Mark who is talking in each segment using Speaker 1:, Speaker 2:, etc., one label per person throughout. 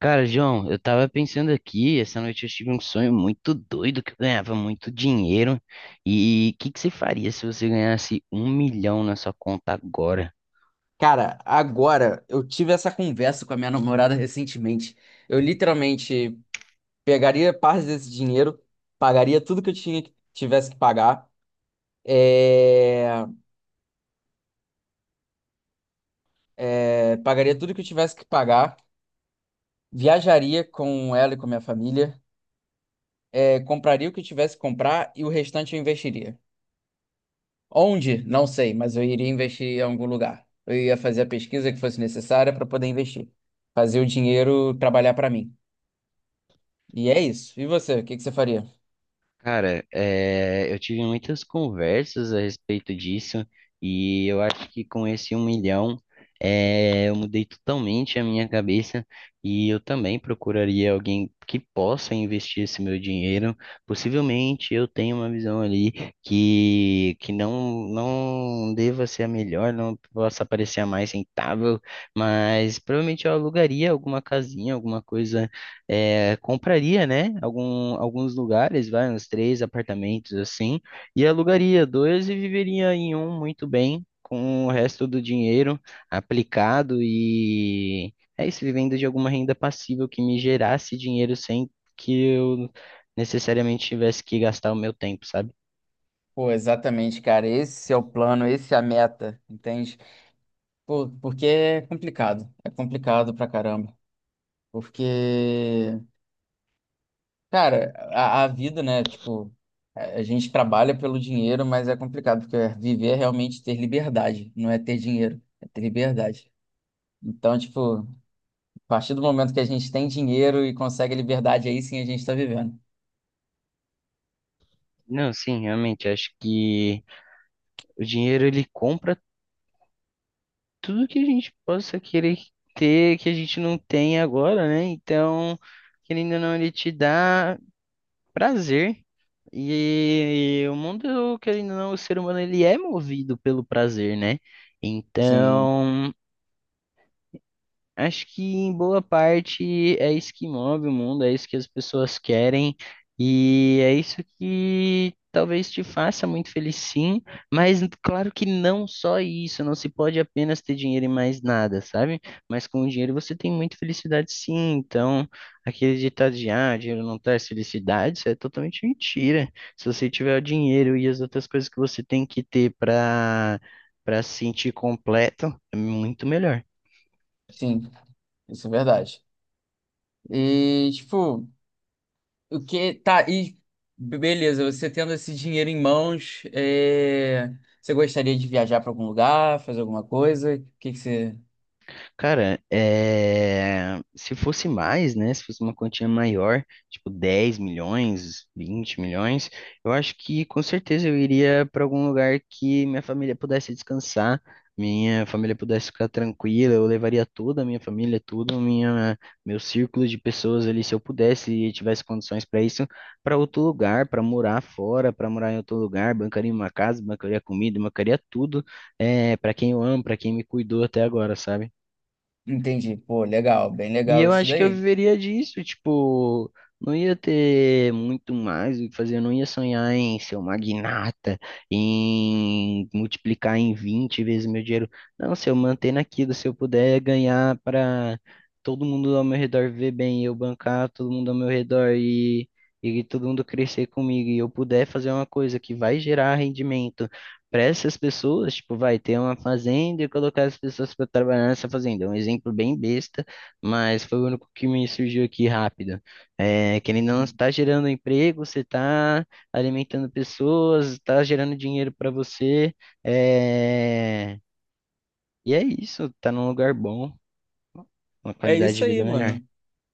Speaker 1: Cara, João, eu tava pensando aqui, essa noite eu tive um sonho muito doido que eu ganhava muito dinheiro. E o que que você faria se você ganhasse 1 milhão na sua conta agora?
Speaker 2: Cara, agora eu tive essa conversa com a minha namorada recentemente. Eu literalmente pegaria parte desse dinheiro, pagaria tudo que eu tinha, tivesse que pagar, é, pagaria tudo que eu tivesse que pagar, viajaria com ela e com a minha família, compraria o que eu tivesse que comprar e o restante eu investiria. Onde? Não sei, mas eu iria investir em algum lugar. Eu ia fazer a pesquisa que fosse necessária para poder investir, fazer o dinheiro trabalhar para mim. E é isso. E você, o que que você faria?
Speaker 1: Cara, eu tive muitas conversas a respeito disso e eu acho que com esse 1 milhão eu mudei totalmente a minha cabeça e eu também procuraria alguém que possa investir esse meu dinheiro. Possivelmente eu tenho uma visão ali que não deva ser a melhor, não possa parecer a mais rentável, mas provavelmente eu alugaria alguma casinha, alguma coisa compraria, né, alguns lugares, vai, uns três apartamentos assim, e alugaria dois e viveria em um muito bem, com o resto do dinheiro aplicado e é isso, vivendo de alguma renda passiva que me gerasse dinheiro sem que eu necessariamente tivesse que gastar o meu tempo, sabe?
Speaker 2: Pô, exatamente, cara. Esse é o plano, esse é a meta, entende? Pô, porque é complicado. É complicado pra caramba. Porque, cara, a vida, né? Tipo, a gente trabalha pelo dinheiro, mas é complicado, porque viver é realmente ter liberdade, não é ter dinheiro, é ter liberdade. Então, tipo, a partir do momento que a gente tem dinheiro e consegue liberdade, aí sim a gente tá vivendo.
Speaker 1: Não, sim, realmente, acho que o dinheiro ele compra tudo que a gente possa querer ter, que a gente não tem agora, né? Então, querendo ou não, ele te dá prazer. E o mundo, querendo ou não, o ser humano, ele é movido pelo prazer, né?
Speaker 2: Sim,
Speaker 1: Então, acho que em boa parte é isso que move o mundo, é isso que as pessoas querem, e é isso que talvez te faça muito feliz, sim, mas claro que não só isso, não se pode apenas ter dinheiro e mais nada, sabe? Mas com o dinheiro você tem muita felicidade, sim. Então, aquele ditado de ah, dinheiro não traz felicidade, isso é totalmente mentira. Se você tiver o dinheiro e as outras coisas que você tem que ter para se sentir completo, é muito melhor.
Speaker 2: sim, isso é verdade. E, tipo. O que tá e beleza, você tendo esse dinheiro em mãos, você gostaria de viajar para algum lugar, fazer alguma coisa? O que que você
Speaker 1: Cara, se fosse mais, né? Se fosse uma quantia maior, tipo 10 milhões, 20 milhões, eu acho que com certeza eu iria para algum lugar que minha família pudesse descansar, minha família pudesse ficar tranquila. Eu levaria toda a minha família, meu círculo de pessoas ali, se eu pudesse e tivesse condições para isso, para outro lugar, para morar fora, para morar em outro lugar, bancaria uma casa, bancaria comida, bancaria tudo, para quem eu amo, para quem me cuidou até agora, sabe?
Speaker 2: entende? Pô, legal, bem
Speaker 1: E
Speaker 2: legal
Speaker 1: eu
Speaker 2: isso
Speaker 1: acho que eu
Speaker 2: daí.
Speaker 1: viveria disso, tipo, não ia ter muito mais o que fazer, eu não ia sonhar em ser um magnata, em multiplicar em 20 vezes meu dinheiro. Não, se eu manter naquilo, se eu puder ganhar para todo mundo ao meu redor ver bem, eu bancar todo mundo ao meu redor e todo mundo crescer comigo, e eu puder fazer uma coisa que vai gerar rendimento. Para essas pessoas, tipo, vai ter uma fazenda e colocar as pessoas para trabalhar nessa fazenda. É um exemplo bem besta, mas foi o único que me surgiu aqui rápido. É, querendo ou não, você está gerando emprego, você está alimentando pessoas, está gerando dinheiro para você. é, E é isso, tá num lugar bom, uma
Speaker 2: É
Speaker 1: qualidade
Speaker 2: isso
Speaker 1: de
Speaker 2: aí,
Speaker 1: vida melhor.
Speaker 2: mano.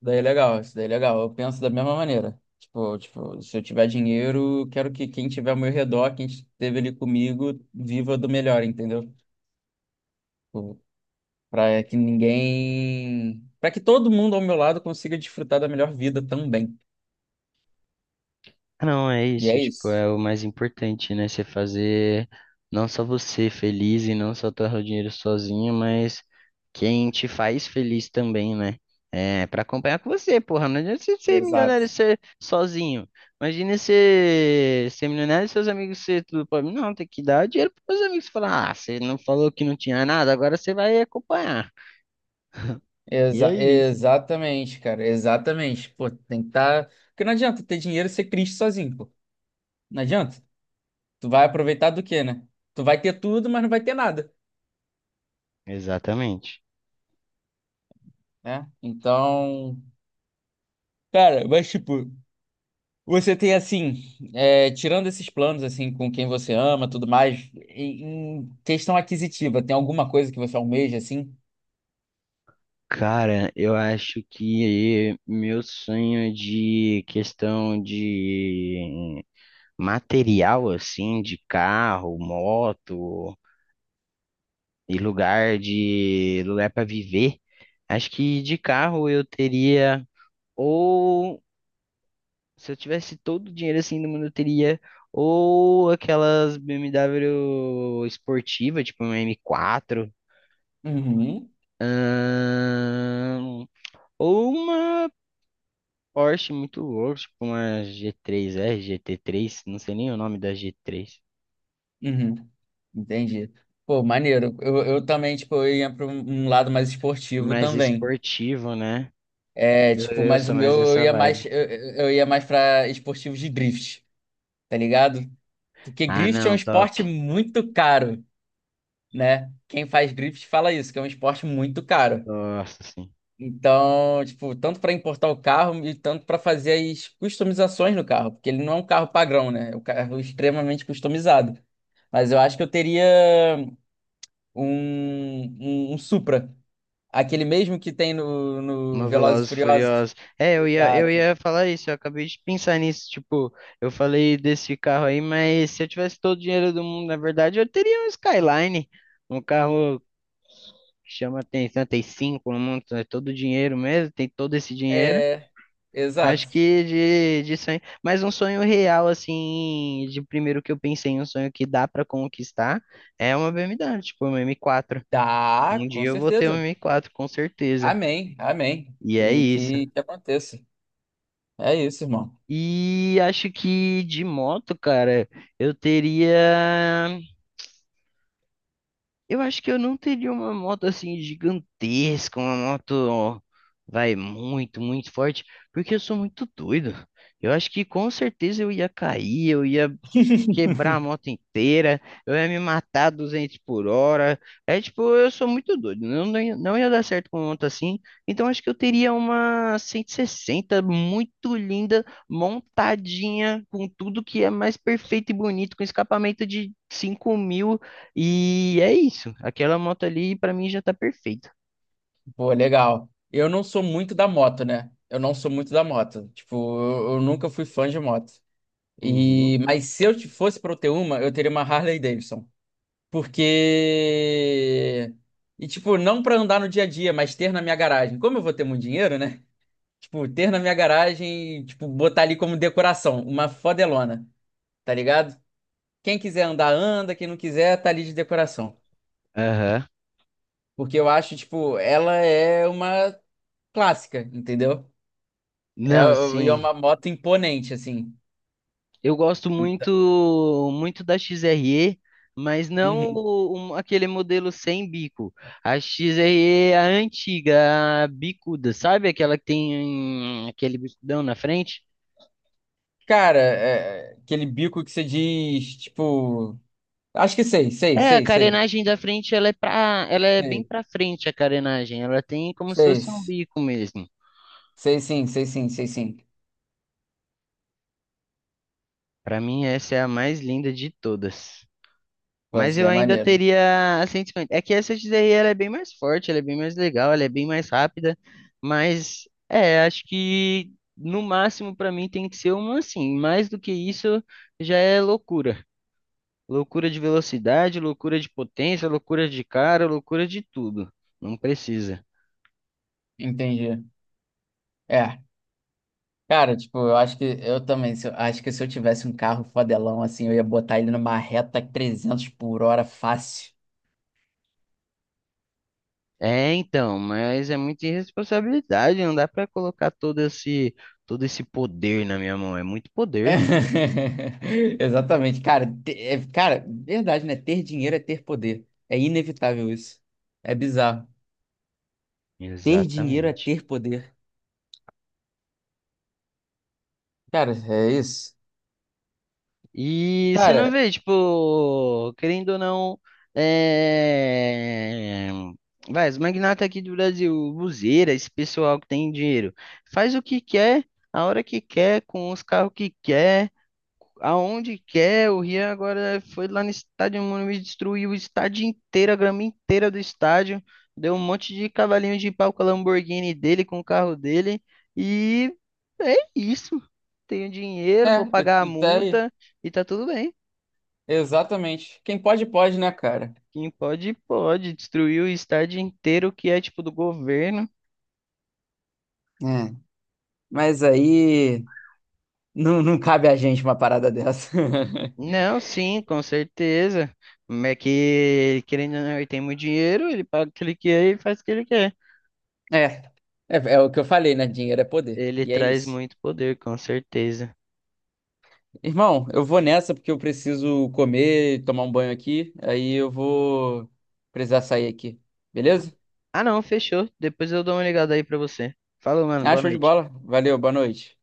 Speaker 2: Daí é legal, isso daí é legal. Eu penso da mesma maneira. Tipo, se eu tiver dinheiro, eu quero que quem tiver ao meu redor, quem esteve ali comigo, viva do melhor, entendeu? Para que ninguém, para que todo mundo ao meu lado consiga desfrutar da melhor vida também.
Speaker 1: Não, é
Speaker 2: E
Speaker 1: isso,
Speaker 2: é
Speaker 1: tipo,
Speaker 2: isso.
Speaker 1: é o mais importante, né? Você fazer não só você feliz e não só torrar o dinheiro sozinho, mas quem te faz feliz também, né? É, pra acompanhar com você, porra. Não adianta você ser milionário e
Speaker 2: Exato.
Speaker 1: ser sozinho. Imagina você ser milionário e seus amigos ser tudo pobre. Não, tem que dar dinheiro pros seus amigos falar, ah, você não falou que não tinha nada, agora você vai acompanhar. E é isso.
Speaker 2: Exatamente, cara, exatamente. Pô, tem que estar. Porque não adianta ter dinheiro e ser triste sozinho, pô. Não adianta. Tu vai aproveitar do quê, né? Tu vai ter tudo, mas não vai ter nada,
Speaker 1: Exatamente.
Speaker 2: né? Então, cara, mas tipo, você tem assim, tirando esses planos assim com quem você ama, tudo mais, em questão aquisitiva, tem alguma coisa que você almeja assim?
Speaker 1: Cara, eu acho que meu sonho de questão de material assim, de carro, moto e lugar para viver, acho que de carro eu teria ou se eu tivesse todo o dinheiro assim do mundo eu teria ou aquelas BMW esportiva, tipo uma m quatro
Speaker 2: Uhum,
Speaker 1: ahn, ou uma Porsche muito louco, tipo uma G3R, GT3, não sei nem o nome da G3.
Speaker 2: uhum. Entendi. Pô, maneiro. Eu também, tipo, eu ia para um lado mais esportivo
Speaker 1: Mais
Speaker 2: também.
Speaker 1: esportivo, né?
Speaker 2: É,
Speaker 1: Eu,
Speaker 2: tipo,
Speaker 1: eu
Speaker 2: mas o
Speaker 1: sou
Speaker 2: meu
Speaker 1: mais
Speaker 2: eu
Speaker 1: dessa
Speaker 2: ia
Speaker 1: vibe.
Speaker 2: mais, ia mais pra esportivos de drift, tá ligado? Porque
Speaker 1: Ah,
Speaker 2: drift é um
Speaker 1: não, top.
Speaker 2: esporte muito caro, né? Quem faz drift fala isso, que é um esporte muito caro.
Speaker 1: Nossa, sim.
Speaker 2: Então, tipo, tanto para importar o carro e tanto para fazer as customizações no carro, porque ele não é um carro padrão, né? É um carro extremamente customizado. Mas eu acho que eu teria um Supra, aquele mesmo que tem no
Speaker 1: Uma
Speaker 2: Velozes e
Speaker 1: Velozes e
Speaker 2: Furiosos.
Speaker 1: Furiosos. É, eu
Speaker 2: Exato.
Speaker 1: ia falar isso, eu acabei de pensar nisso. Tipo, eu falei desse carro aí, mas se eu tivesse todo o dinheiro do mundo, na verdade, eu teria um Skyline. Um carro que chama atenção, tem cinco no mundo, é todo dinheiro mesmo, tem todo esse dinheiro.
Speaker 2: É, exato.
Speaker 1: Acho que de sonho, mas um sonho real, assim, de primeiro que eu pensei, um sonho que dá pra conquistar, é uma BMW, tipo uma M4.
Speaker 2: Tá,
Speaker 1: Um
Speaker 2: com
Speaker 1: dia eu vou ter uma
Speaker 2: certeza.
Speaker 1: M4, com certeza.
Speaker 2: Amém, amém.
Speaker 1: E é
Speaker 2: Que,
Speaker 1: isso.
Speaker 2: que, que aconteça. É isso, irmão.
Speaker 1: E acho que de moto, cara, eu teria. Eu acho que eu não teria uma moto assim gigantesca, uma moto, ó, vai muito, muito forte, porque eu sou muito doido. Eu acho que com certeza eu ia cair, eu ia quebrar a moto inteira, eu ia me matar 200 por hora. É tipo, eu sou muito doido, não, não, não ia dar certo com moto assim. Então acho que eu teria uma 160 muito linda, montadinha, com tudo que é mais perfeito e bonito, com escapamento de 5 mil. E é isso, aquela moto ali pra mim já tá perfeita.
Speaker 2: Pô, legal. Eu não sou muito da moto, né? Eu não sou muito da moto. Tipo, eu nunca fui fã de moto.
Speaker 1: Uhum.
Speaker 2: E, mas se eu te- fosse pra eu ter uma, eu teria uma Harley Davidson. Porque. E, tipo, não pra andar no dia a dia, mas ter na minha garagem. Como eu vou ter muito dinheiro, né? Tipo, ter na minha garagem, tipo, botar ali como decoração, uma fodelona. Tá ligado? Quem quiser andar, anda, quem não quiser, tá ali de decoração.
Speaker 1: Aham.
Speaker 2: Porque eu acho, tipo, ela é uma clássica, entendeu? É,
Speaker 1: Não,
Speaker 2: e é
Speaker 1: sim.
Speaker 2: uma moto imponente, assim.
Speaker 1: Eu gosto muito muito da XRE, mas não
Speaker 2: Uhum.
Speaker 1: o- um- aquele modelo sem bico. A XRE é a antiga, a bicuda, sabe? Aquela que tem aquele bicudão na frente.
Speaker 2: Cara, é, aquele bico que você diz, tipo. Acho que sei, sei,
Speaker 1: É, a
Speaker 2: sei, sei.
Speaker 1: carenagem da frente, ela é bem
Speaker 2: Sei,
Speaker 1: pra frente a carenagem. Ela tem como se
Speaker 2: sei,
Speaker 1: fosse um bico mesmo.
Speaker 2: sei sim, sei sim, sei sim.
Speaker 1: Pra mim, essa é a mais linda de todas.
Speaker 2: Pô,
Speaker 1: Mas
Speaker 2: isso daí
Speaker 1: eu
Speaker 2: é
Speaker 1: ainda
Speaker 2: maneiro.
Speaker 1: teria a Saints Fan. É que essa XRE ela é bem mais forte, ela é bem mais legal, ela é bem mais rápida. Mas é, acho que no máximo para mim tem que ser uma assim. Mais do que isso já é loucura. Loucura de velocidade, loucura de potência, loucura de cara, loucura de tudo. Não precisa.
Speaker 2: Entendi. É. Cara, tipo, eu acho que eu também, se eu- acho que se eu tivesse um carro fodelão assim, eu ia botar ele numa reta 300 por hora fácil.
Speaker 1: É, então, mas é muita irresponsabilidade, não dá para colocar todo esse poder na minha mão, é muito poder.
Speaker 2: Exatamente, cara, é, cara, verdade, né? Ter dinheiro é ter poder. É inevitável isso. É bizarro. Ter dinheiro é
Speaker 1: Exatamente.
Speaker 2: ter poder. Cara, é isso.
Speaker 1: E você não
Speaker 2: Cara,
Speaker 1: vê, tipo, querendo ou não, é... vai, os magnatas aqui do Brasil, Buzeira, esse pessoal que tem dinheiro, faz o que quer, a hora que quer, com os carros que quer aonde quer. O Rian agora foi lá no estádio, mano, me destruiu o estádio inteiro, a grama inteira do estádio. Deu um monte de cavalinho de pau com a Lamborghini dele, com o carro dele. E é isso. Tenho dinheiro,
Speaker 2: é,
Speaker 1: vou pagar a
Speaker 2: e tá aí.
Speaker 1: multa e tá tudo bem.
Speaker 2: Exatamente. Quem pode, pode, né, cara?
Speaker 1: Quem pode, pode. Destruir o estádio inteiro que é tipo do governo.
Speaker 2: É. Mas aí não cabe a gente uma parada dessa.
Speaker 1: Não, sim, com certeza. Mas é que, querendo ou não, ele tem muito dinheiro, ele paga o que ele quer e faz o que ele quer.
Speaker 2: É, é o que eu falei, né? Dinheiro é poder.
Speaker 1: Ele
Speaker 2: E é
Speaker 1: traz
Speaker 2: isso.
Speaker 1: muito poder, com certeza.
Speaker 2: Irmão, eu vou nessa porque eu preciso comer, tomar um banho aqui. Aí eu vou precisar sair aqui. Beleza?
Speaker 1: Ah, não, fechou. Depois eu dou uma ligada aí pra você. Falou, mano.
Speaker 2: Ah,
Speaker 1: Boa
Speaker 2: show de
Speaker 1: noite.
Speaker 2: bola. Valeu, boa noite.